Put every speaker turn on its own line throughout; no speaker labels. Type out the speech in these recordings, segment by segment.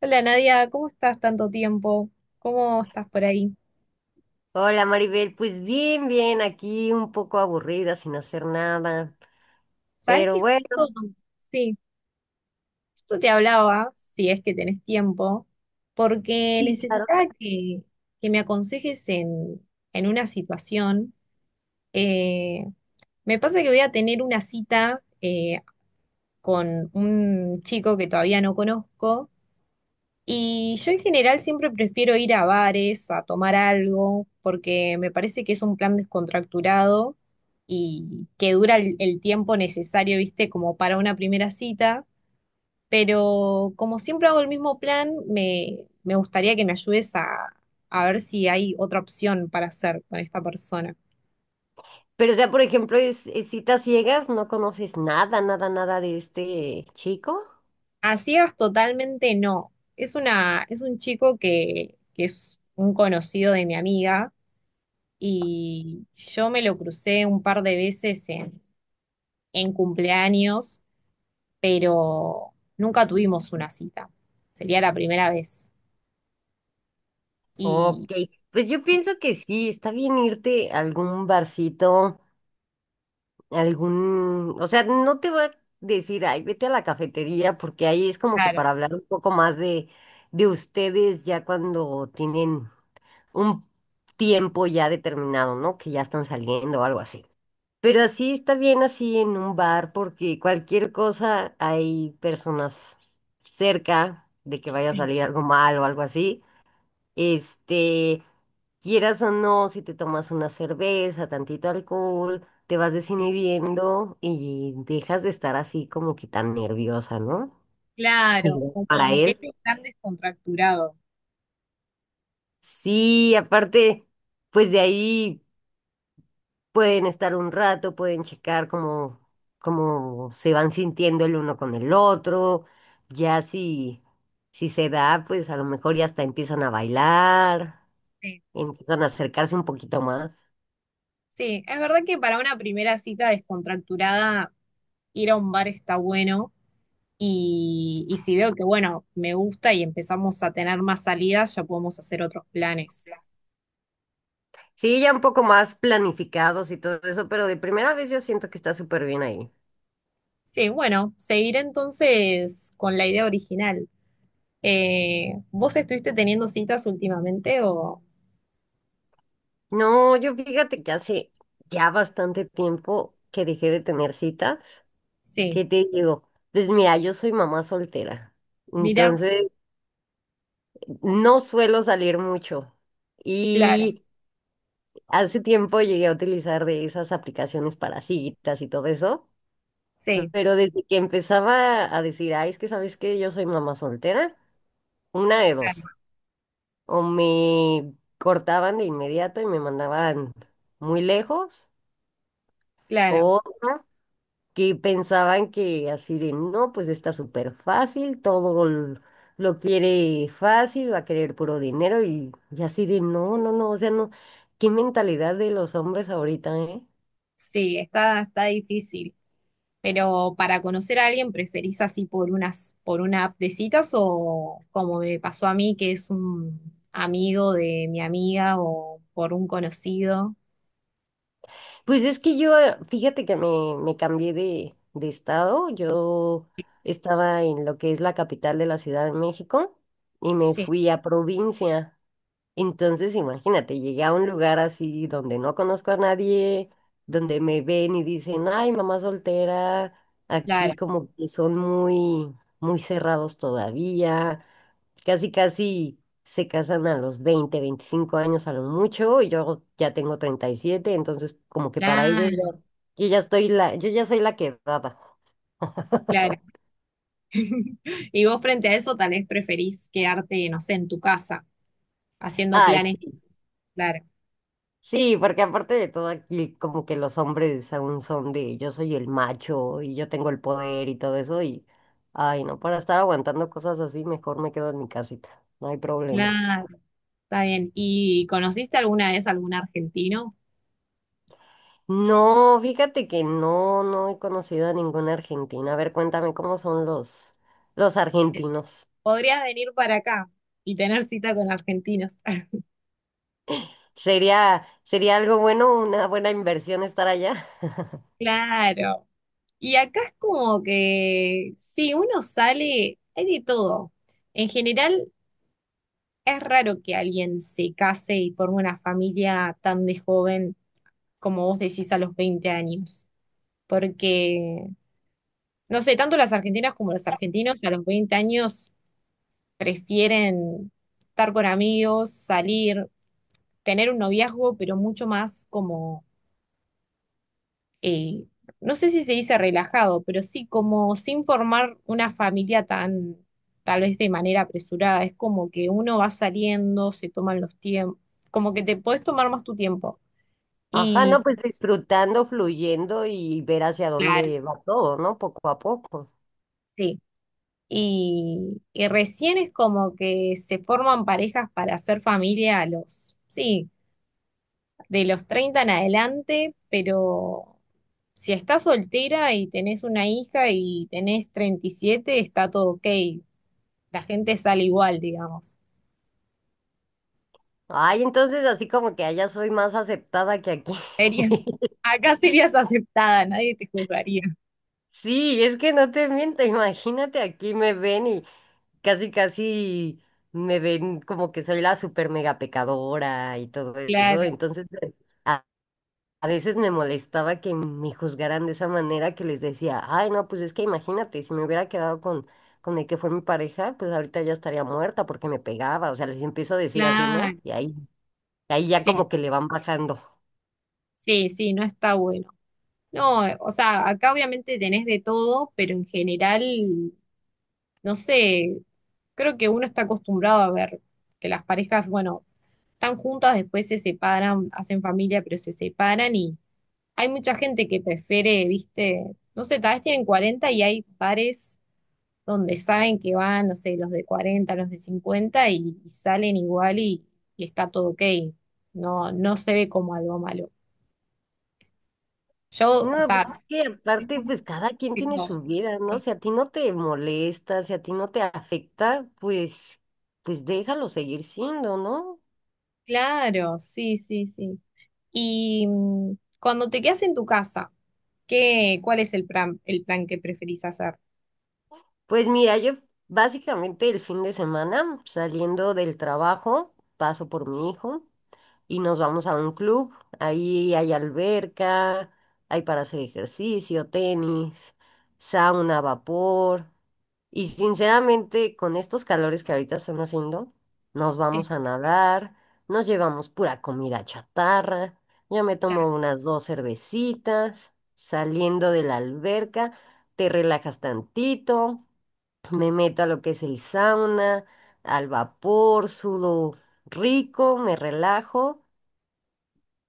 Hola Nadia, ¿cómo estás? Tanto tiempo. ¿Cómo estás por ahí?
Hola Maribel, pues bien, bien, aquí un poco aburrida, sin hacer nada,
¿Sabes
pero
qué?
bueno,
Justo- Sí, justo te hablaba, si es que tenés tiempo, porque
sí, claro.
que me aconsejes en una situación. Eh, Me pasa que voy a tener una cita, con un chico que todavía no conozco. Y yo en general siempre prefiero ir a bares, a tomar algo, porque me parece que es un plan descontracturado y que dura el tiempo necesario, viste, como para una primera cita. Pero como siempre hago el mismo plan, me gustaría que me ayudes a ver si hay otra opción para hacer con esta persona.
Pero o sea, por ejemplo, es citas ciegas, no conoces nada, nada, nada de este chico.
A ciegas totalmente no. Es un chico que es un conocido de mi amiga, y yo me lo crucé un par de veces en cumpleaños, pero nunca tuvimos una cita. Sería la primera vez.
Ok,
Y
pues yo
sí,
pienso que sí, está bien irte a algún barcito, algún, o sea, no te voy a decir, ay, vete a la cafetería, porque ahí es como que
claro.
para hablar un poco más de ustedes ya cuando tienen un tiempo ya determinado, ¿no? Que ya están saliendo o algo así. Pero así está bien así en un bar porque cualquier cosa hay personas cerca de que vaya a
Sí,
salir algo mal o algo así. Este, quieras o no, si te tomas una cerveza, tantito alcohol, te vas
sí,
desinhibiendo y dejas de estar así como que tan nerviosa, ¿no? Y
claro,
para
como que
él,
es tan descontracturado.
sí, aparte, pues de ahí. Pueden estar un rato, pueden checar cómo, cómo se van sintiendo el uno con el otro. Ya si se da, pues a lo mejor ya hasta empiezan a bailar,
Sí.
empiezan a acercarse un poquito más.
Sí, es verdad que para una primera cita descontracturada, ir a un bar está bueno. Y si veo que, bueno, me gusta y empezamos a tener más salidas, ya podemos hacer otros planes.
Sí, ya un poco más planificados y todo eso, pero de primera vez yo siento que está súper bien ahí.
Sí, bueno, seguiré entonces con la idea original. ¿Vos estuviste teniendo citas últimamente o...?
No, yo fíjate que hace ya bastante tiempo que dejé de tener citas.
Sí,
¿Qué te digo? Pues mira, yo soy mamá soltera.
mira,
Entonces, no suelo salir mucho
claro,
y hace tiempo llegué a utilizar de esas aplicaciones para citas y todo eso,
sí,
pero desde que empezaba a decir, ay, es que sabes que yo soy mamá soltera, una de dos,
claro,
o me cortaban de inmediato y me mandaban muy lejos,
claro,
o otra, que pensaban que así de, no, pues está súper fácil, lo quiere fácil, va a querer puro dinero y así de, no, no, no, o sea, no, qué mentalidad de los hombres ahorita, ¿eh?
sí, está, está difícil. Pero para conocer a alguien, ¿preferís así por por una app de citas, o como me pasó a mí, que es un amigo de mi amiga o por un conocido?
Pues es que yo, fíjate que me, cambié de estado, yo estaba en lo que es la capital de la Ciudad de México y me
Sí,
fui a provincia. Entonces, imagínate, llegué a un lugar así donde no conozco a nadie, donde me ven y dicen, ay, mamá soltera,
claro,
aquí como que son muy, muy cerrados todavía, casi, casi se casan a los 20, 25 años a lo mucho, y yo ya tengo 37, entonces como que para ellos ya,
claro,
yo ya estoy la, yo ya soy la quedada.
claro. Y vos frente a eso tal vez preferís quedarte, no sé, en tu casa, haciendo
Ay,
planes.
sí.
Claro,
Sí, porque aparte de todo aquí como que los hombres aún son de yo soy el macho y yo tengo el poder y todo eso y ay no, para estar aguantando cosas así mejor me quedo en mi casita, no hay problema.
claro, está bien. ¿Y conociste alguna vez algún argentino?
No, fíjate que no, no he conocido a ninguna argentina. A ver, cuéntame cómo son los argentinos.
Podrías venir para acá y tener cita con argentinos.
¿Sería algo bueno, una buena inversión estar allá?
Claro. Y acá es como que, si uno sale, hay de todo. En general, es raro que alguien se case y forme una familia tan de joven como vos decís, a los 20 años. Porque, no sé, tanto las argentinas como los argentinos a los 20 años prefieren estar con amigos, salir, tener un noviazgo, pero mucho más como, eh, no sé si se dice relajado, pero sí como sin formar una familia tal vez de manera apresurada. Es como que uno va saliendo, se toman los tiempos, como que te podés tomar más tu tiempo.
Ajá, no,
Y
pues disfrutando, fluyendo y ver hacia
claro,
dónde va todo, ¿no? Poco a poco.
sí. Y recién es como que se forman parejas para hacer familia a los, sí, de los 30 en adelante, pero si estás soltera y tenés una hija y tenés 37, está todo ok. La gente sale igual, digamos.
Ay, entonces así como que allá soy más aceptada que aquí.
Sería- Acá serías aceptada, nadie te juzgaría.
Sí, es que no te miento, imagínate, aquí me ven y casi casi me ven como que soy la super mega pecadora y todo eso.
Claro,
Entonces, a, a veces me molestaba que me juzgaran de esa manera que les decía, ay, no, pues es que imagínate, si me hubiera quedado con el que fue mi pareja, pues ahorita ya estaría muerta porque me pegaba. O sea, les empiezo a decir así, ¿no?
claro.
Y ahí, ahí ya
Sí,
como que le van bajando.
sí, sí, no está bueno. No, o sea, acá obviamente tenés de todo, pero en general, no sé, creo que uno está acostumbrado a ver que las parejas, bueno, están juntas, después se separan, hacen familia, pero se separan, y hay mucha gente que prefiere, viste, no sé, tal vez tienen 40 y hay pares donde saben que van, no sé, los de 40, los de 50, y salen igual y está todo ok. No, no se ve como algo malo. Yo, o
No, pues es
sea,
que aparte, pues cada quien tiene
digo,
su vida, ¿no? Si a ti no te molesta, si a ti no te afecta, pues, pues déjalo seguir siendo, ¿no?
claro, sí, sí, sí. Y cuando te quedas en tu casa, ¿qué, cuál es el plan que preferís hacer?
Pues mira, yo básicamente el fin de semana, saliendo del trabajo, paso por mi hijo. Y nos vamos a un club. Ahí hay alberca, hay para hacer ejercicio, tenis, sauna, vapor. Y sinceramente, con estos calores que ahorita están haciendo, nos
Sí,
vamos a nadar, nos llevamos pura comida chatarra, yo me
claro,
tomo unas dos cervecitas, saliendo de la alberca, te relajas tantito, me meto a lo que es el sauna, al vapor, sudo rico, me relajo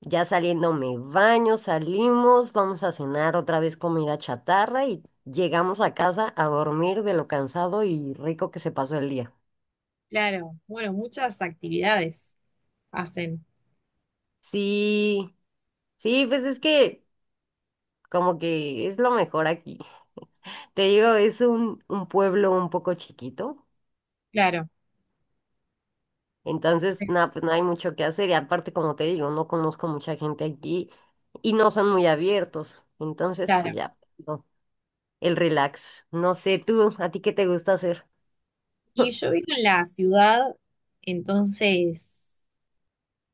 ya saliendo me baño, salimos, vamos a cenar otra vez comida chatarra y llegamos a casa a dormir de lo cansado y rico que se pasó el día.
claro. Bueno, muchas actividades hacen,
Sí, sí, pues es que como que es lo mejor aquí. Te digo, es un pueblo un poco chiquito,
claro,
entonces nada, pues no hay mucho que hacer y aparte como te digo, no conozco mucha gente aquí y no son muy abiertos, entonces
claro.
pues ya, no, el relax. No sé tú, ¿a ti qué te gusta hacer?
Y yo vivo en la ciudad, entonces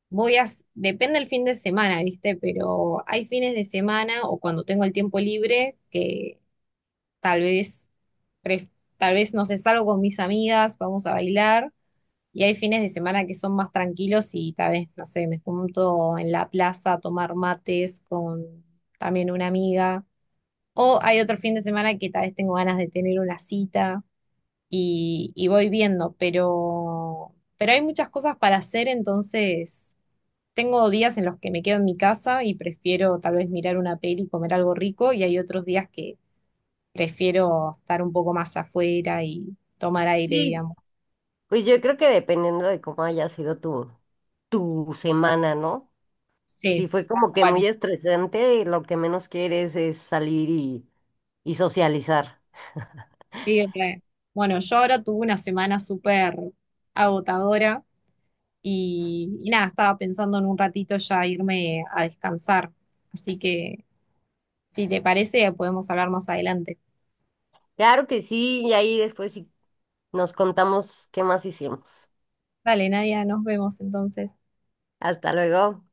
depende el fin de semana, ¿viste? Pero hay fines de semana, o cuando tengo el tiempo libre, que tal vez, pref- tal vez, no sé, salgo con mis amigas, vamos a bailar, y hay fines de semana que son más tranquilos y tal vez, no sé, me junto en la plaza a tomar mates con también una amiga, o hay otro fin de semana que tal vez tengo ganas de tener una cita, y voy viendo, pero hay muchas cosas para hacer, entonces tengo días en los que me quedo en mi casa y prefiero tal vez mirar una peli y comer algo rico, y hay otros días que prefiero estar un poco más afuera y tomar aire,
Sí,
digamos.
pues yo creo que dependiendo de cómo haya sido tu semana, ¿no?
Sí,
Si fue
tal
como que muy
cual.
estresante, lo que menos quieres es salir y socializar.
Sí, re. Bueno, yo ahora tuve una semana súper agotadora, y nada, estaba pensando en un ratito ya irme a descansar, así que si te parece podemos hablar más adelante.
Claro que sí, y ahí después sí nos contamos qué más hicimos.
Vale, Nadia, nos vemos entonces.
Hasta luego.